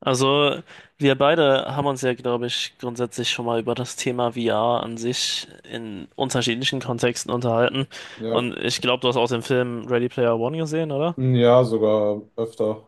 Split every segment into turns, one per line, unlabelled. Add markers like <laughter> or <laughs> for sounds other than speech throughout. Also, wir beide haben uns ja, glaube ich, grundsätzlich schon mal über das Thema VR an sich in unterschiedlichen Kontexten unterhalten.
Ja.
Und ich glaube, du hast auch den Film Ready Player One gesehen, oder?
Ja, sogar öfter.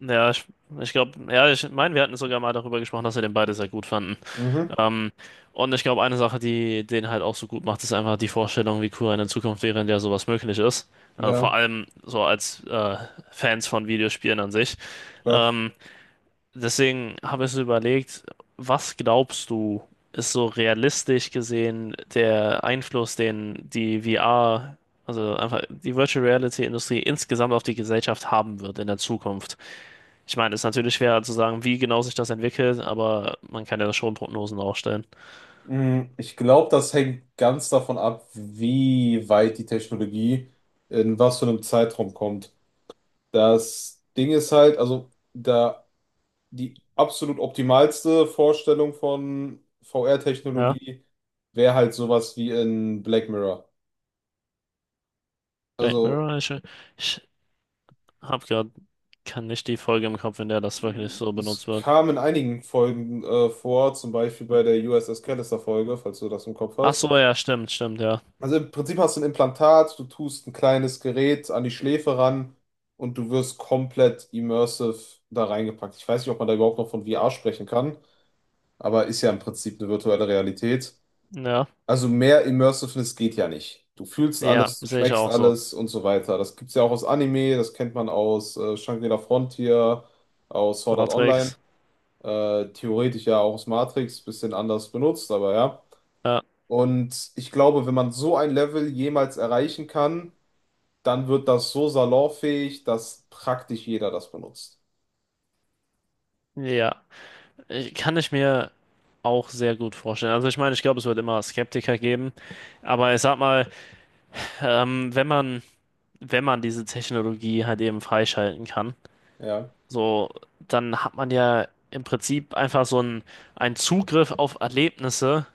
Ja, ich glaube, ja, ich meine, wir hatten sogar mal darüber gesprochen, dass wir den beide sehr gut fanden.
Mhm.
Ähm, und ich glaube, eine Sache, die den halt auch so gut macht, ist einfach die Vorstellung, wie cool eine Zukunft wäre, in der sowas möglich ist. Vor
Ja,
allem so als Fans von Videospielen an sich.
klar.
Ähm, Deswegen habe ich so überlegt, was glaubst du, ist so realistisch gesehen der Einfluss, den die VR, also einfach die Virtual Reality Industrie insgesamt auf die Gesellschaft haben wird in der Zukunft? Ich meine, es ist natürlich schwer zu sagen, wie genau sich das entwickelt, aber man kann ja schon Prognosen aufstellen.
Ich glaube, das hängt ganz davon ab, wie weit die Technologie in was für einem Zeitraum kommt. Das Ding ist halt, also da die absolut optimalste Vorstellung von
Ja,
VR-Technologie wäre halt sowas wie in Black Mirror.
Black
Also
Mirror, ich habe kann nicht die Folge im Kopf, in der das wirklich so benutzt
es
wird.
kam in einigen Folgen vor, zum Beispiel bei der USS Callister-Folge, falls du das im Kopf
Ach
hast.
so, ja, stimmt, stimmt, ja.
Also im Prinzip hast du ein Implantat, du tust ein kleines Gerät an die Schläfe ran und du wirst komplett immersive da reingepackt. Ich weiß nicht, ob man da überhaupt noch von VR sprechen kann, aber ist ja im Prinzip eine virtuelle Realität.
Ja,
Also mehr Immersiveness geht ja nicht. Du fühlst
ja,
alles, du
sehe ich
schmeckst
auch so.
alles und so weiter. Das gibt's ja auch aus Anime, das kennt man aus Shangri-La Frontier, aus Sword Art Online,
Matrix,
theoretisch ja auch aus Matrix, bisschen anders benutzt, aber ja.
ja,
Und ich glaube, wenn man so ein Level jemals erreichen kann, dann wird das so salonfähig, dass praktisch jeder das benutzt.
ja. Ich, kann ich mir auch sehr gut vorstellen. Also ich meine, ich glaube, es wird immer Skeptiker geben, aber ich sag mal, ähm, wenn man, wenn man diese Technologie halt eben freischalten kann,
Ja.
so, dann hat man ja im Prinzip einen Zugriff auf Erlebnisse,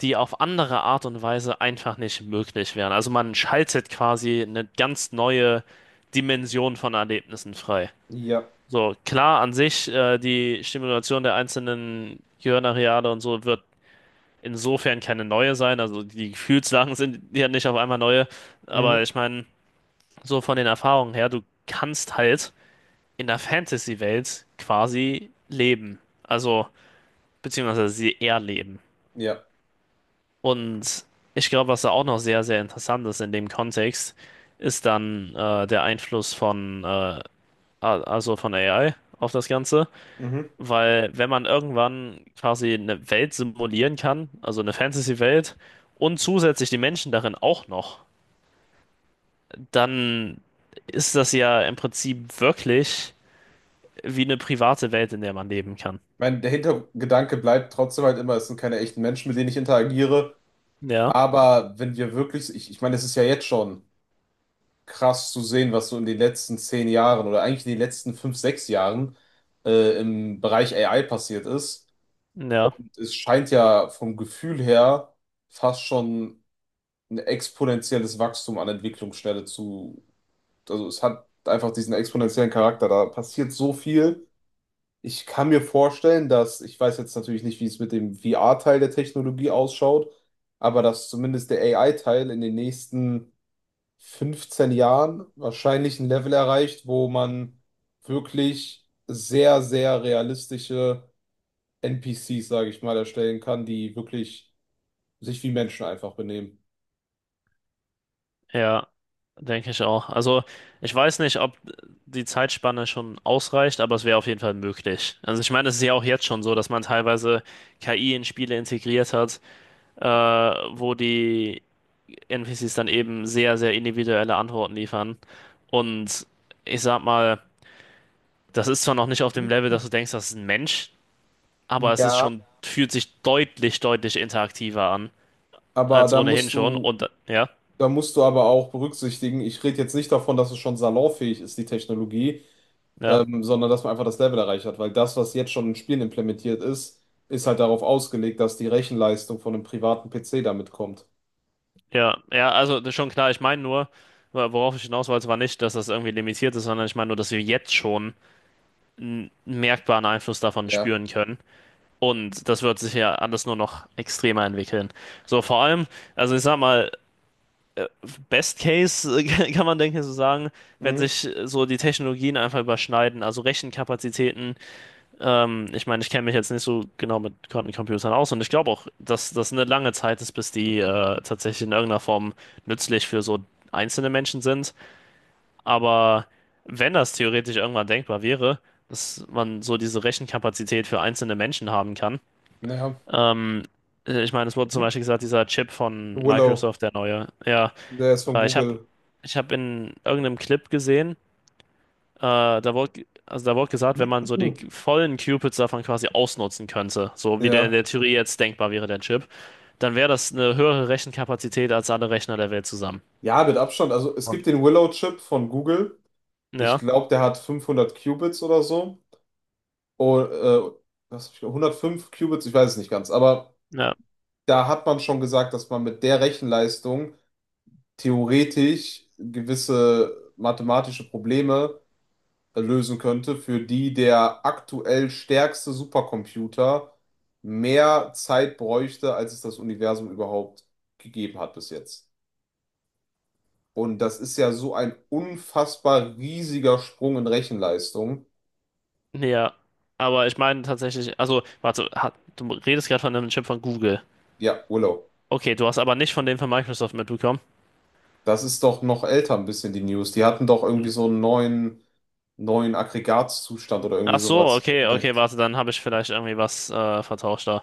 die auf andere Art und Weise einfach nicht möglich wären. Also man schaltet quasi eine ganz neue Dimension von Erlebnissen frei.
Ja.
So, klar, an sich, die Stimulation der einzelnen Gehirnareale und so wird insofern keine neue sein. Also die Gefühlslagen sind ja nicht auf einmal neue. Aber
Mhm.
ich meine, so von den Erfahrungen her, du kannst halt in der Fantasy-Welt quasi leben. Also, beziehungsweise sie erleben.
Ja.
Und ich glaube, was da auch noch sehr, sehr interessant ist in dem Kontext, ist dann der Einfluss also von AI auf das Ganze.
Mhm.
Weil wenn man irgendwann quasi eine Welt simulieren kann, also eine Fantasy-Welt, und zusätzlich die Menschen darin auch noch, dann ist das ja im Prinzip wirklich wie eine private Welt, in der man leben kann.
Mein, der Hintergedanke bleibt trotzdem halt immer, es sind keine echten Menschen, mit denen ich interagiere.
Ja,
Aber wenn wir wirklich, ich meine, es ist ja jetzt schon krass zu sehen, was so in den letzten 10 Jahren oder eigentlich in den letzten 5, 6 Jahren im Bereich AI passiert ist.
ja,
Es scheint ja vom Gefühl her fast schon ein exponentielles Wachstum an Entwicklungsschnelle zu, also es hat einfach diesen exponentiellen Charakter. Da passiert so viel. Ich kann mir vorstellen, dass, ich weiß jetzt natürlich nicht, wie es mit dem VR-Teil der Technologie ausschaut, aber dass zumindest der AI-Teil in den nächsten 15 Jahren wahrscheinlich ein Level erreicht, wo man wirklich sehr, sehr realistische NPCs, sage ich mal, erstellen kann, die wirklich sich wie Menschen einfach benehmen.
ja, denke ich auch. Also ich weiß nicht, ob die Zeitspanne schon ausreicht, aber es wäre auf jeden Fall möglich. Also ich meine, es ist ja auch jetzt schon so, dass man teilweise KI in Spiele integriert hat, wo die NPCs dann eben sehr, sehr individuelle Antworten liefern. Und ich sag mal, das ist zwar noch nicht auf dem Level, dass du denkst, das ist ein Mensch, aber es ist
Ja,
schon, fühlt sich deutlich, deutlich interaktiver an,
aber
als
da
ohnehin
musst
schon.
du
Und ja,
Da musst du aber auch berücksichtigen, ich rede jetzt nicht davon, dass es schon salonfähig ist, die Technologie,
ja,
sondern dass man einfach das Level erreicht hat, weil das, was jetzt schon in Spielen implementiert ist, ist halt darauf ausgelegt, dass die Rechenleistung von einem privaten PC damit kommt.
ja, ja, also das ist schon klar, ich meine nur, worauf ich hinaus wollte, war nicht, dass das irgendwie limitiert ist, sondern ich meine nur, dass wir jetzt schon einen merkbaren Einfluss davon
Ja.
spüren können. Und das wird sich ja alles nur noch extremer entwickeln. So, vor allem, also ich sag mal, Best Case <laughs> kann man, denke ich, so sagen, wenn
Mhm.
sich so die Technologien einfach überschneiden, also Rechenkapazitäten. Ich meine, ich kenne mich jetzt nicht so genau mit Quantencomputern aus und ich glaube auch, dass das eine lange Zeit ist, bis die tatsächlich in irgendeiner Form nützlich für so einzelne Menschen sind. Aber wenn das theoretisch irgendwann denkbar wäre, dass man so diese Rechenkapazität für einzelne Menschen haben kann,
Ja.
ähm, ich meine, es wurde zum Beispiel gesagt, dieser Chip von
Willow,
Microsoft, der neue, ja.
der ist von
Äh, ich habe
Google.
ich hab in irgendeinem Clip gesehen, also da wurde gesagt, wenn man
<laughs>
so die
Mhm.
vollen Cupids davon quasi ausnutzen könnte, so wie der in
Ja.
der Theorie jetzt denkbar wäre, der Chip, dann wäre das eine höhere Rechenkapazität als alle Rechner der Welt zusammen.
Ja, mit Abstand. Also es
Und
gibt den Willow-Chip von Google. Ich
ja,
glaube, der hat 500 Qubits oder so. Oh, was hab ich, 105 Qubits, ich weiß es nicht ganz, aber
ja,
da hat man schon gesagt, dass man mit der Rechenleistung theoretisch gewisse mathematische Probleme lösen könnte, für die der aktuell stärkste Supercomputer mehr Zeit bräuchte, als es das Universum überhaupt gegeben hat bis jetzt. Und das ist ja so ein unfassbar riesiger Sprung in Rechenleistung.
ja. Aber ich meine tatsächlich, also, du redest gerade von einem Chip von Google.
Ja, Willow,
Okay, du hast aber nicht von dem von Microsoft mitbekommen.
das ist doch noch älter ein bisschen die News. Die hatten doch irgendwie so einen neuen Aggregatzustand oder irgendwie
Ach so,
sowas
okay, okay,
entdeckt.
warte, dann habe ich vielleicht irgendwie was vertauscht da.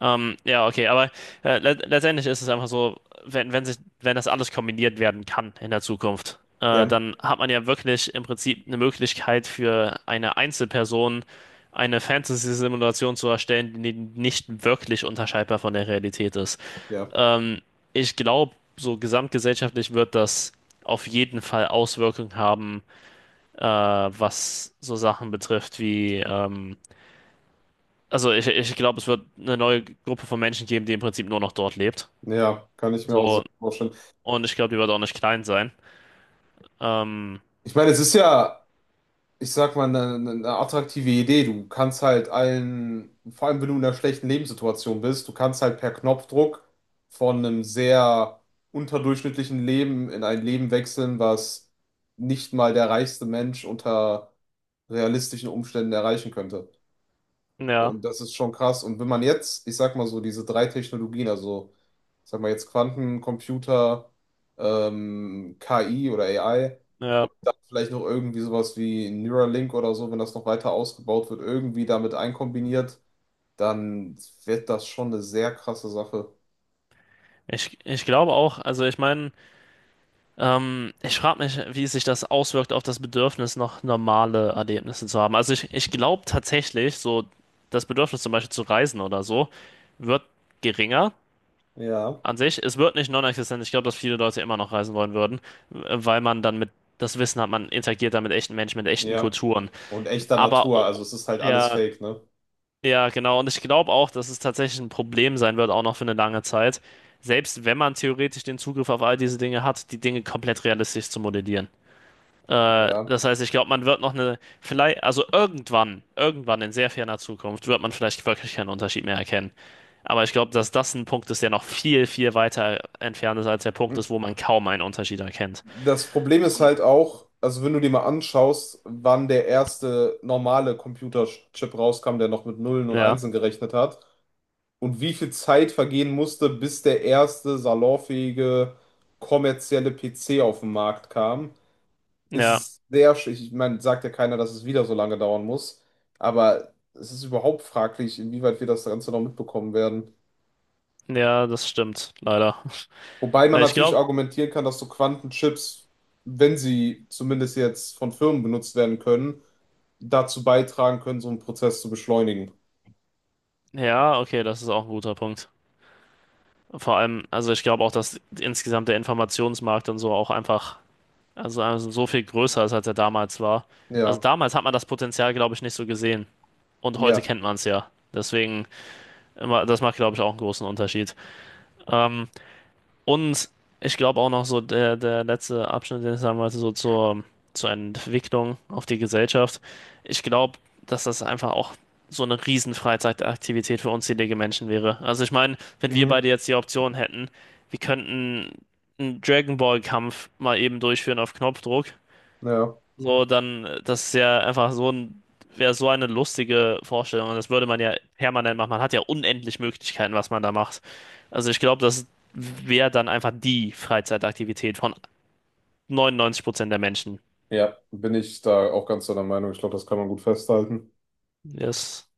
Ja, okay, aber le letztendlich ist es einfach so, wenn das alles kombiniert werden kann in der Zukunft,
Ja,
dann hat man ja wirklich im Prinzip eine Möglichkeit für eine Einzelperson eine Fantasy-Simulation zu erstellen, die nicht wirklich unterscheidbar von der Realität ist.
ja,
Ähm, Ich glaube, so gesamtgesellschaftlich wird das auf jeden Fall Auswirkungen haben, was so Sachen betrifft wie ich glaube, es wird eine neue Gruppe von Menschen geben, die im Prinzip nur noch dort lebt.
ja, kann ich mir auch sehr
So,
vorstellen.
und ich glaube, die wird auch nicht klein sein. Ähm,
Ich meine, es ist ja, ich sag mal, eine attraktive Idee. Du kannst halt allen, vor allem wenn du in einer schlechten Lebenssituation bist, du kannst halt per Knopfdruck von einem sehr unterdurchschnittlichen Leben in ein Leben wechseln, was nicht mal der reichste Mensch unter realistischen Umständen erreichen könnte.
ja,
Und das ist schon krass. Und wenn man jetzt, ich sag mal so, diese drei Technologien, also ich sag mal jetzt Quantencomputer, KI oder AI
ja.
und dann vielleicht noch irgendwie sowas wie Neuralink oder so, wenn das noch weiter ausgebaut wird, irgendwie damit einkombiniert, dann wird das schon eine sehr krasse Sache.
Ich glaube auch, also ich meine, ich frage mich, wie sich das auswirkt auf das Bedürfnis, noch normale Erlebnisse zu haben. Ich glaube tatsächlich, so das Bedürfnis zum Beispiel zu reisen oder so, wird geringer
Ja.
an sich. Es wird nicht non-existent. Ich glaube, dass viele Leute immer noch reisen wollen würden, weil man dann mit das Wissen hat, man interagiert dann mit echten Menschen, mit echten
Ja.
Kulturen.
Und echter
Aber
Natur,
o-
also es ist halt alles
ja,
fake, ne?
ja, genau. Und ich glaube auch, dass es tatsächlich ein Problem sein wird, auch noch für eine lange Zeit. Selbst wenn man theoretisch den Zugriff auf all diese Dinge hat, die Dinge komplett realistisch zu modellieren.
Ja.
Das heißt, ich glaube, man wird noch eine, vielleicht, also irgendwann, irgendwann in sehr ferner Zukunft wird man vielleicht wirklich keinen Unterschied mehr erkennen. Aber ich glaube, dass das ein Punkt ist, der noch viel, viel weiter entfernt ist als der Punkt ist, wo man kaum einen Unterschied erkennt.
Das Problem ist halt auch, also wenn du dir mal anschaust, wann der erste normale Computerchip rauskam, der noch mit Nullen und
Ja,
Einsen gerechnet hat und wie viel Zeit vergehen musste, bis der erste salonfähige kommerzielle PC auf den Markt kam,
ja,
ist sehr, ich meine, sagt ja keiner, dass es wieder so lange dauern muss, aber es ist überhaupt fraglich, inwieweit wir das Ganze noch mitbekommen werden.
ja, das stimmt, leider.
Wobei man
Äh, Ich
natürlich
glaube,
argumentieren kann, dass so Quantenchips, wenn sie zumindest jetzt von Firmen benutzt werden können, dazu beitragen können, so einen Prozess zu beschleunigen.
ja, okay, das ist auch ein guter Punkt. Vor allem, also ich glaube auch, dass insgesamt der Informationsmarkt und so auch einfach, also so viel größer ist, als er damals war. Also
Ja,
damals hat man das Potenzial, glaube ich, nicht so gesehen. Und heute
ja,
kennt man es ja. Das macht, glaube ich, auch einen großen Unterschied. Ähm, und ich glaube auch noch so der letzte Abschnitt, den ich sagen wollte, so zur Entwicklung auf die Gesellschaft. Ich glaube, dass das einfach auch so eine riesen Freizeitaktivität für unzählige Menschen wäre. Also ich meine, wenn wir beide
mhm.
jetzt die Option hätten, wir könnten einen Dragon Ball Kampf mal eben durchführen auf Knopfdruck.
Ja,
So, das ist ja einfach wäre so eine lustige Vorstellung. Und das würde man ja permanent machen. Man hat ja unendlich Möglichkeiten, was man da macht. Also ich glaube, das wäre dann einfach die Freizeitaktivität von 99% der Menschen.
ja, bin ich da auch ganz deiner Meinung. Ich glaube, das kann man gut festhalten.
Das